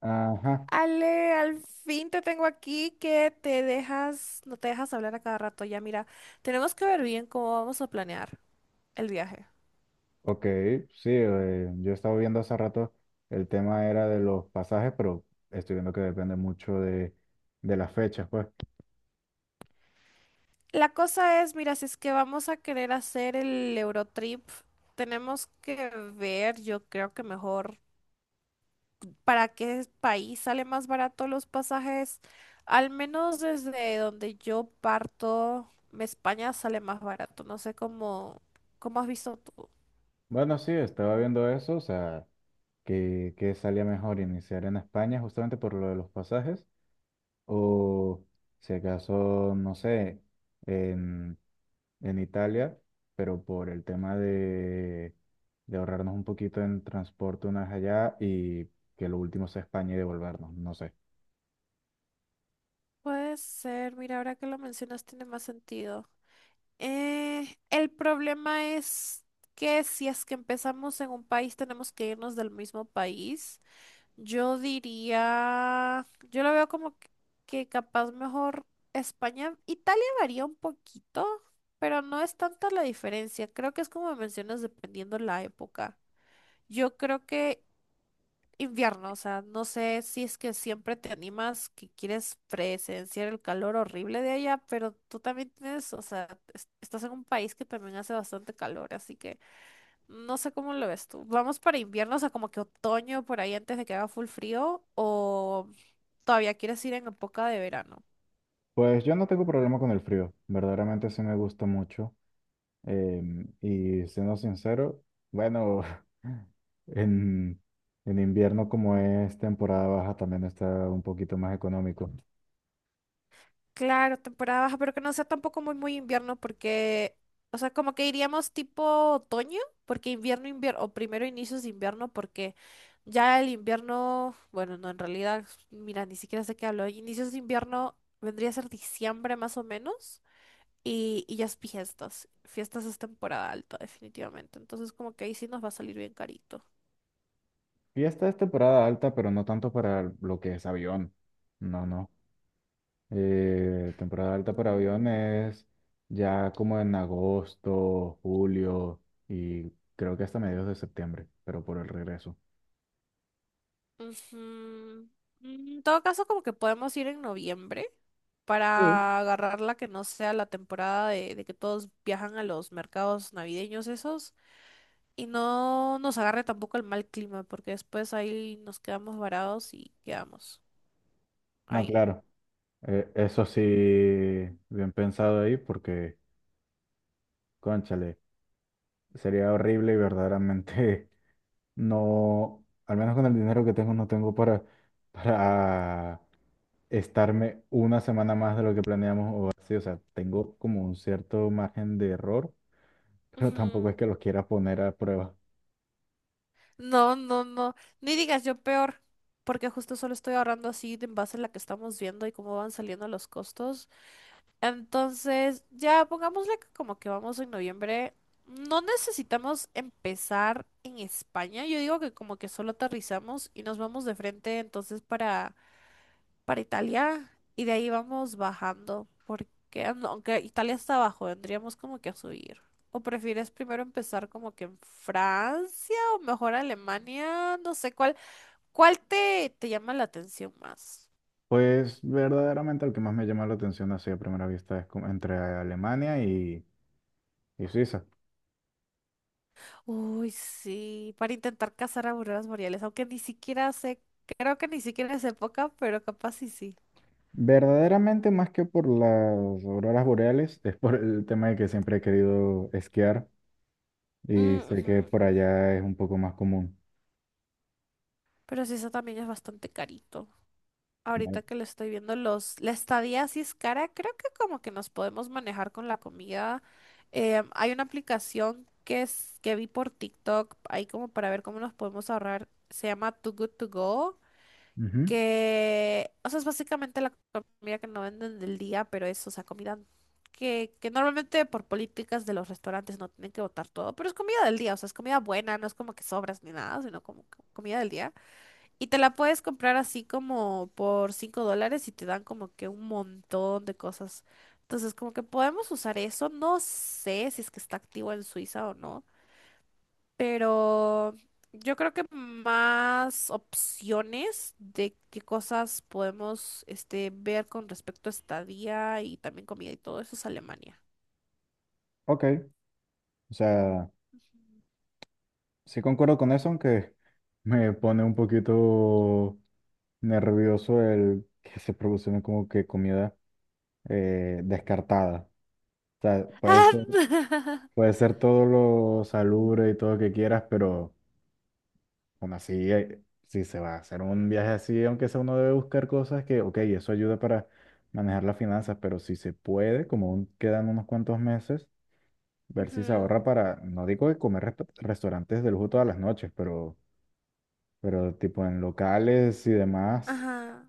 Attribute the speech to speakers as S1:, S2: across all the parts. S1: Ajá,
S2: Ale, al fin te tengo aquí que te dejas, no te dejas hablar a cada rato. Ya, mira, tenemos que ver bien cómo vamos a planear el viaje.
S1: ok, sí, yo estaba viendo hace rato, el tema era de los pasajes, pero estoy viendo que depende mucho de las fechas, pues.
S2: La cosa es, mira, si es que vamos a querer hacer el Eurotrip, tenemos que ver, yo creo que mejor, para qué país sale más barato los pasajes. Al menos desde donde yo parto, España sale más barato. No sé cómo has visto tú.
S1: Bueno, sí, estaba viendo eso, o sea, que salía mejor iniciar en España justamente por lo de los pasajes, o si acaso, no sé, en, en Italia, pero por el tema de ahorrarnos un poquito en transporte una vez allá y que lo último sea España y devolvernos, no sé.
S2: Puede ser, mira, ahora que lo mencionas tiene más sentido. El problema es que si es que empezamos en un país, tenemos que irnos del mismo país. Yo diría, yo lo veo como que capaz mejor España, Italia varía un poquito, pero no es tanta la diferencia. Creo que es como mencionas, dependiendo la época. Yo creo que invierno, o sea, no sé si es que siempre te animas, que quieres presenciar el calor horrible de allá, pero tú también tienes, o sea, estás en un país que también hace bastante calor, así que no sé cómo lo ves tú. ¿Vamos para invierno, o sea, como que otoño por ahí antes de que haga full frío o todavía quieres ir en época de verano?
S1: Pues yo no tengo problema con el frío, verdaderamente sí me gusta mucho. Y siendo sincero, bueno, en, en invierno como es temporada baja también está un poquito más económico.
S2: Claro, temporada baja, pero que no sea tampoco muy, muy invierno porque, o sea, como que iríamos tipo otoño, porque invierno, invierno, o primero inicios de invierno, porque ya el invierno, bueno, no, en realidad, mira, ni siquiera sé qué hablo, inicios de invierno vendría a ser diciembre más o menos, y ya es fiestas, fiestas es temporada alta definitivamente, entonces como que ahí sí nos va a salir bien carito.
S1: Y esta es temporada alta, pero no tanto para lo que es avión. No, no. Temporada alta para avión
S2: Mm.
S1: es ya como en agosto, julio y creo que hasta mediados de septiembre, pero por el regreso.
S2: Ujú. Mm, En todo caso, como que podemos ir en noviembre
S1: Sí.
S2: para agarrar la que no sea la temporada de que todos viajan a los mercados navideños esos y no nos agarre tampoco el mal clima porque después ahí nos quedamos varados y quedamos
S1: No,
S2: ahí.
S1: claro. Eso sí, bien pensado ahí, porque, cónchale, sería horrible y verdaderamente no, al menos con el dinero que tengo, no tengo para estarme una semana más de lo que planeamos o así. O sea, tengo como un cierto margen de error, pero tampoco es
S2: Ujú.
S1: que los quiera poner a prueba.
S2: No, no, no. Ni digas yo peor porque justo solo estoy ahorrando así de en base a la que estamos viendo y cómo van saliendo los costos. Entonces, ya pongámosle que como que vamos en noviembre. No necesitamos empezar en España. Yo digo que como que solo aterrizamos y nos vamos de frente entonces para Italia y de ahí vamos bajando. Porque aunque Italia está abajo, tendríamos como que a subir. ¿O prefieres primero empezar como que en Francia o mejor Alemania? No sé, cuál te llama la atención más?
S1: Pues verdaderamente el que más me llama la atención así a primera vista es como entre Alemania y Suiza.
S2: Uy, sí, para intentar cazar auroras boreales, aunque ni siquiera sé, creo que ni siquiera es época, pero capaz sí sí.
S1: Verdaderamente, más que por las auroras boreales, es por el tema de que siempre he querido esquiar y
S2: Mm,
S1: sé que
S2: ujú.
S1: por allá es un poco más común.
S2: Pero sí, eso también es bastante carito. Ahorita
S1: Vale.
S2: que lo estoy viendo, la estadía sí es cara, creo que como que nos podemos manejar con la comida. Hay una aplicación que es, que vi por TikTok, ahí como para ver cómo nos podemos ahorrar, se llama Too Good To Go.
S1: Ujú.
S2: Que, o sea, es básicamente la comida que no venden del día, pero es, o sea, comida que normalmente por políticas de los restaurantes no tienen que botar todo, pero es comida del día, o sea, es comida buena, no es como que sobras ni nada, sino como comida del día. Y te la puedes comprar así como por $5 y te dan como que un montón de cosas. Entonces, como que podemos usar eso, no sé si es que está activo en Suiza o no, pero yo creo que más opciones de qué cosas podemos este, ver con respecto a estadía y también comida y todo eso es Alemania.
S1: Ok, o sea, sí concuerdo con eso, aunque me pone un poquito nervioso el que se producen como que comida descartada. O sea,
S2: Ah,
S1: puede ser todo lo salubre y todo lo que quieras, pero aún así, si se va a hacer un viaje así, aunque sea uno debe buscar cosas que, ok, eso ayuda para manejar las finanzas, pero si se puede, como aún quedan unos cuantos meses, ver si se
S2: Ujú.
S1: ahorra para, no digo que comer restaurantes de lujo todas las noches, pero tipo en locales y demás.
S2: Ajá.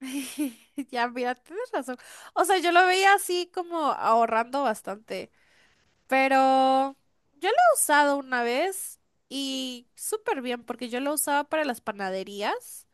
S2: Ya, mira, tienes razón. O sea, yo lo veía así como ahorrando bastante, pero yo lo he usado una vez y súper bien porque yo lo usaba para las panaderías.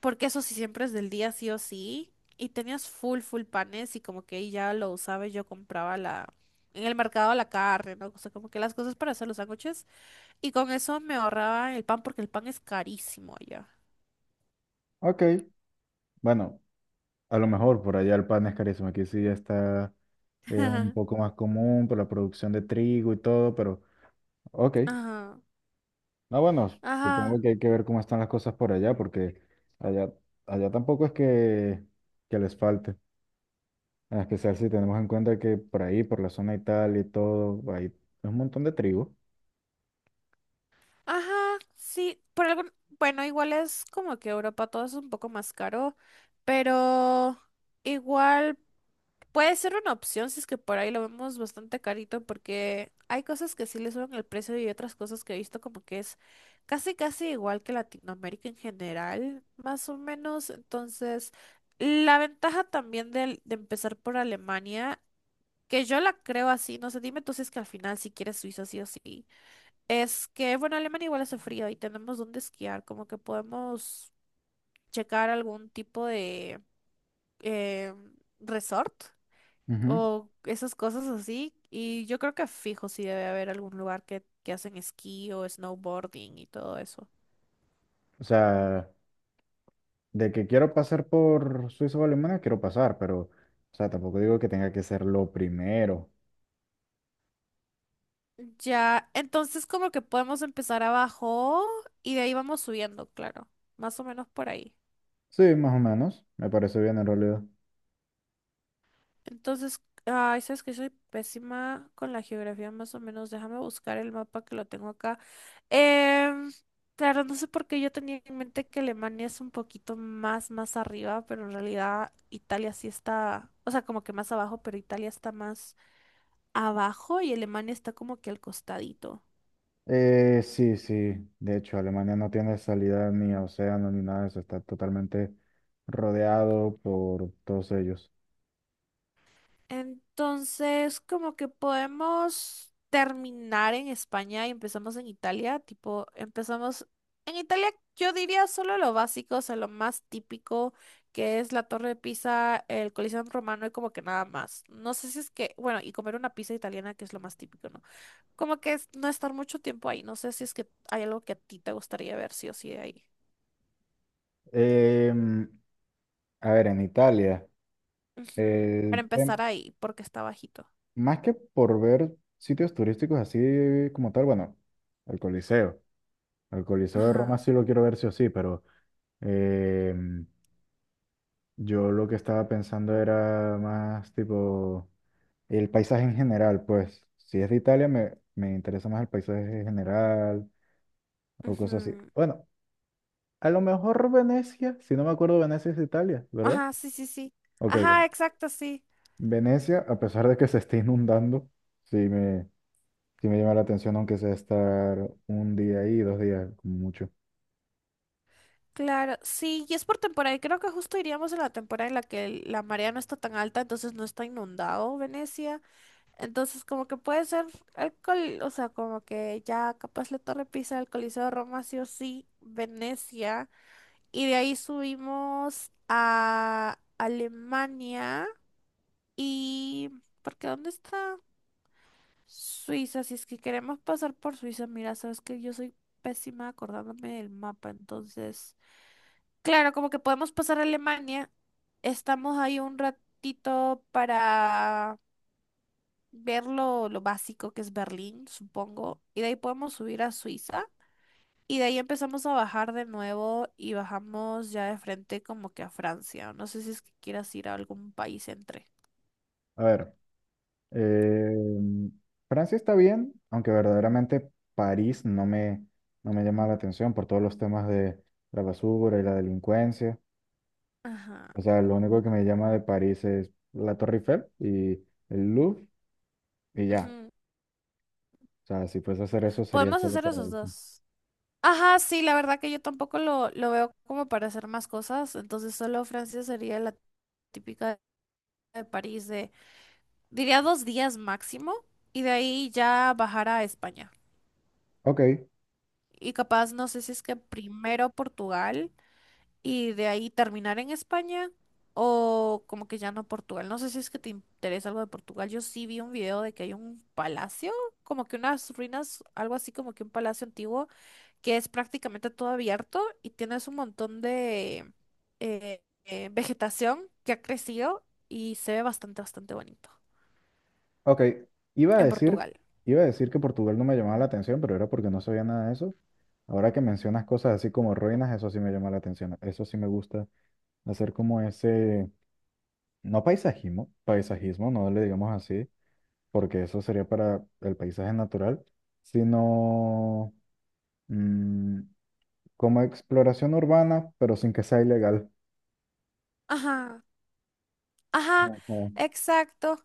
S2: Porque eso sí siempre es del día sí o sí. Y tenías full, full panes y como que ahí ya lo usaba y yo compraba en el mercado la carne, ¿no? O sea, como que las cosas para hacer los sándwiches. Y con eso me ahorraba el pan porque el pan es carísimo allá.
S1: Ok, bueno, a lo mejor por allá el pan es carísimo, aquí sí ya está, es un poco más común por la producción de trigo y todo, pero ok.
S2: Ajá,
S1: No, bueno, supongo
S2: ajá,
S1: que hay que ver cómo están las cosas por allá, porque allá, allá tampoco es que les falte. En especial si tenemos en cuenta que por ahí, por la zona y tal y todo, hay un montón de trigo.
S2: ajá, sí, por algún, bueno, igual es como que Europa todo es un poco más caro, pero igual puede ser una opción si es que por ahí lo vemos bastante carito porque hay cosas que sí le suben el precio y otras cosas que he visto como que es casi casi igual que Latinoamérica en general, más o menos. Entonces, la ventaja también de, empezar por Alemania, que yo la creo así, no sé, dime tú si es que al final si quieres Suiza sí o sí, es que, bueno, Alemania igual hace frío y tenemos donde esquiar, como que podemos checar algún tipo de eh, resort
S1: Ujú.
S2: o esas cosas así. Y yo creo que fijo si debe haber algún lugar que hacen esquí o snowboarding y todo eso.
S1: O sea, de que quiero pasar por Suiza o Alemania, quiero pasar, pero, o sea, tampoco digo que tenga que ser lo primero.
S2: Ya, entonces como que podemos empezar abajo y de ahí vamos subiendo, claro. Más o menos por ahí.
S1: Sí, más o menos, me parece bien en realidad.
S2: Entonces, ay, sabes que soy pésima con la geografía, más o menos. Déjame buscar el mapa que lo tengo acá. Em, claro, no sé por qué yo tenía en mente que Alemania es un poquito más arriba, pero en realidad Italia sí está, o sea, como que más abajo, pero Italia está más abajo y Alemania está como que al costadito.
S1: Sí, sí. De hecho, Alemania no tiene salida ni a océano ni nada de eso. Está totalmente rodeado por todos ellos.
S2: Entonces, como que podemos terminar en España y empezamos en Italia, tipo, empezamos en Italia, yo diría solo lo básico, o sea, lo más típico, que es la Torre de Pisa, el Coliseo Romano y como que nada más. No sé si es que, bueno, y comer una pizza italiana, que es lo más típico, ¿no? Como que es no estar mucho tiempo ahí, no sé si es que hay algo que a ti te gustaría ver, sí o sí, de ahí.
S1: Em, a ver, en Italia,
S2: Ujú,
S1: el
S2: para
S1: tem-
S2: empezar ahí, porque está bajito.
S1: más que por ver sitios turísticos así como tal, bueno, el Coliseo. El Coliseo de Roma
S2: Ajá.
S1: sí lo quiero ver sí o sí, pero em, yo lo que estaba pensando era más tipo. El paisaje en general, pues, si es de Italia, me interesa más el paisaje en general o cosas así.
S2: Ujú.
S1: Bueno, a lo mejor Venecia, si no me acuerdo, Venecia es de Italia, ¿verdad?
S2: Ajá, sí, sí, sí.
S1: Ok,
S2: Ajá,
S1: bien.
S2: exacto, sí.
S1: Venecia, a pesar de que se esté inundando, sí me, sí me llama la atención, aunque sea estar un día ahí, dos días, como mucho.
S2: Claro, sí, y es por temporada. Y creo que justo iríamos en la temporada en la que la marea no está tan alta, entonces no está inundado Venecia. Entonces, como que puede ser o sea, como que ya capaz la Torre Pisa, el Coliseo de Roma, sí o sí, Venecia. Y de ahí subimos a Alemania. Y, porque ¿dónde está? Suiza, si es que queremos pasar por Suiza, mira, sabes que yo soy pésima acordándome del mapa, entonces, claro, como que podemos pasar a Alemania, estamos ahí un ratito para ver lo básico que es Berlín, supongo, y de ahí podemos subir a Suiza, y de ahí empezamos a bajar de nuevo y bajamos ya de frente como que a Francia, no sé si es que quieras ir a algún país entre.
S1: A ver, eh, Francia está bien, aunque verdaderamente París no me, no me llama la atención por todos los temas de la basura y la delincuencia.
S2: Ajá.
S1: O sea, lo único que me llama de París es la Torre Eiffel y el Louvre y ya.
S2: Ujú.
S1: O sea, si fuese a hacer eso sería
S2: Podemos
S1: solo
S2: hacer
S1: para
S2: esos
S1: eso.
S2: dos. Ajá, sí, la verdad que yo tampoco lo veo como para hacer más cosas, entonces solo Francia sería la típica de París de, diría dos días máximo, y de ahí ya bajar a España.
S1: Ok,
S2: Y capaz, no sé si es que primero Portugal y de ahí terminar en España o como que ya no Portugal. No sé si es que te interesa algo de Portugal. Yo sí vi un video de que hay un palacio, como que unas ruinas, algo así como que un palacio antiguo que es prácticamente todo abierto y tienes un montón de vegetación que ha crecido y se ve bastante, bastante bonito
S1: ok. Iba a
S2: en
S1: decir,
S2: Portugal.
S1: iba a decir que Portugal no me llamaba la atención, pero era porque no sabía nada de eso. Ahora que mencionas cosas así como ruinas, eso sí me llama la atención. Eso sí me gusta hacer como ese, no paisajismo, paisajismo, no le digamos así, porque eso sería para el paisaje natural, sino... mm, como exploración urbana, pero sin que sea ilegal.
S2: Ajá, ajá,
S1: Ujú,
S2: exacto.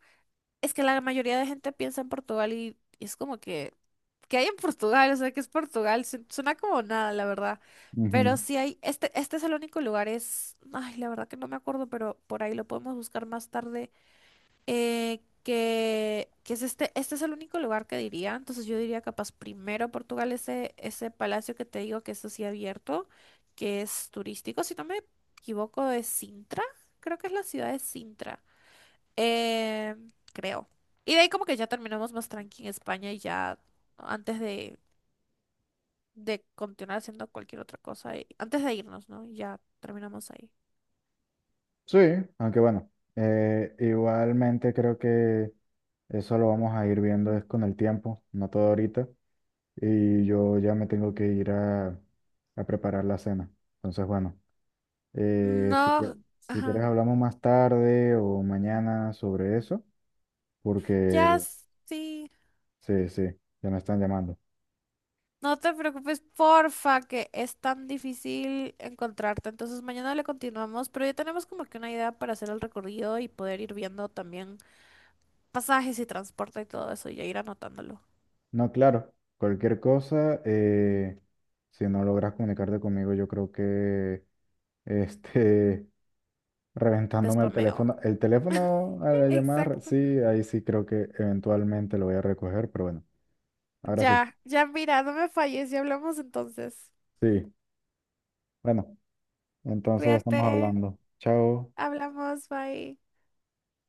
S2: Es que la mayoría de gente piensa en Portugal y es como que, ¿qué hay en Portugal? O sea, ¿qué es Portugal? Suena como nada, la verdad. Pero
S1: ujú.
S2: sí hay, este, es el único lugar, es, ay, la verdad que no me acuerdo, pero por ahí lo podemos buscar más tarde que es este, es el único lugar que diría. Entonces yo diría capaz primero Portugal, ese palacio que te digo que es así abierto, que es turístico, si no me equivoco, de Sintra, creo que es la ciudad de Sintra, eh, creo. Y de ahí como que ya terminamos más tranqui en España y ya antes de continuar haciendo cualquier otra cosa, antes de irnos, ¿no? Y ya terminamos ahí.
S1: Sí, aunque bueno, igualmente creo que eso lo vamos a ir viendo es con el tiempo, no todo ahorita. Y yo ya me tengo que ir a preparar la cena. Entonces, bueno, eh, si, que-
S2: No,
S1: si quieres
S2: ajá.
S1: hablamos más tarde o mañana sobre eso,
S2: Ya
S1: porque
S2: sí.
S1: sí, sí, ya me están llamando.
S2: No te preocupes, porfa, que es tan difícil encontrarte. Entonces mañana le continuamos, pero ya tenemos como que una idea para hacer el recorrido y poder ir viendo también pasajes y transporte y todo eso y ya ir anotándolo.
S1: No, claro, cualquier cosa, si no logras comunicarte conmigo, yo creo que este,
S2: Te
S1: reventándome
S2: spameo.
S1: el teléfono a la llamada,
S2: Exacto.
S1: sí, ahí sí creo que eventualmente lo voy a recoger, pero bueno, ahora sí,
S2: Ya, ya mira, no me falles y hablamos entonces.
S1: sí, bueno, entonces estamos
S2: Cuídate,
S1: hablando. Chao.
S2: hablamos, bye.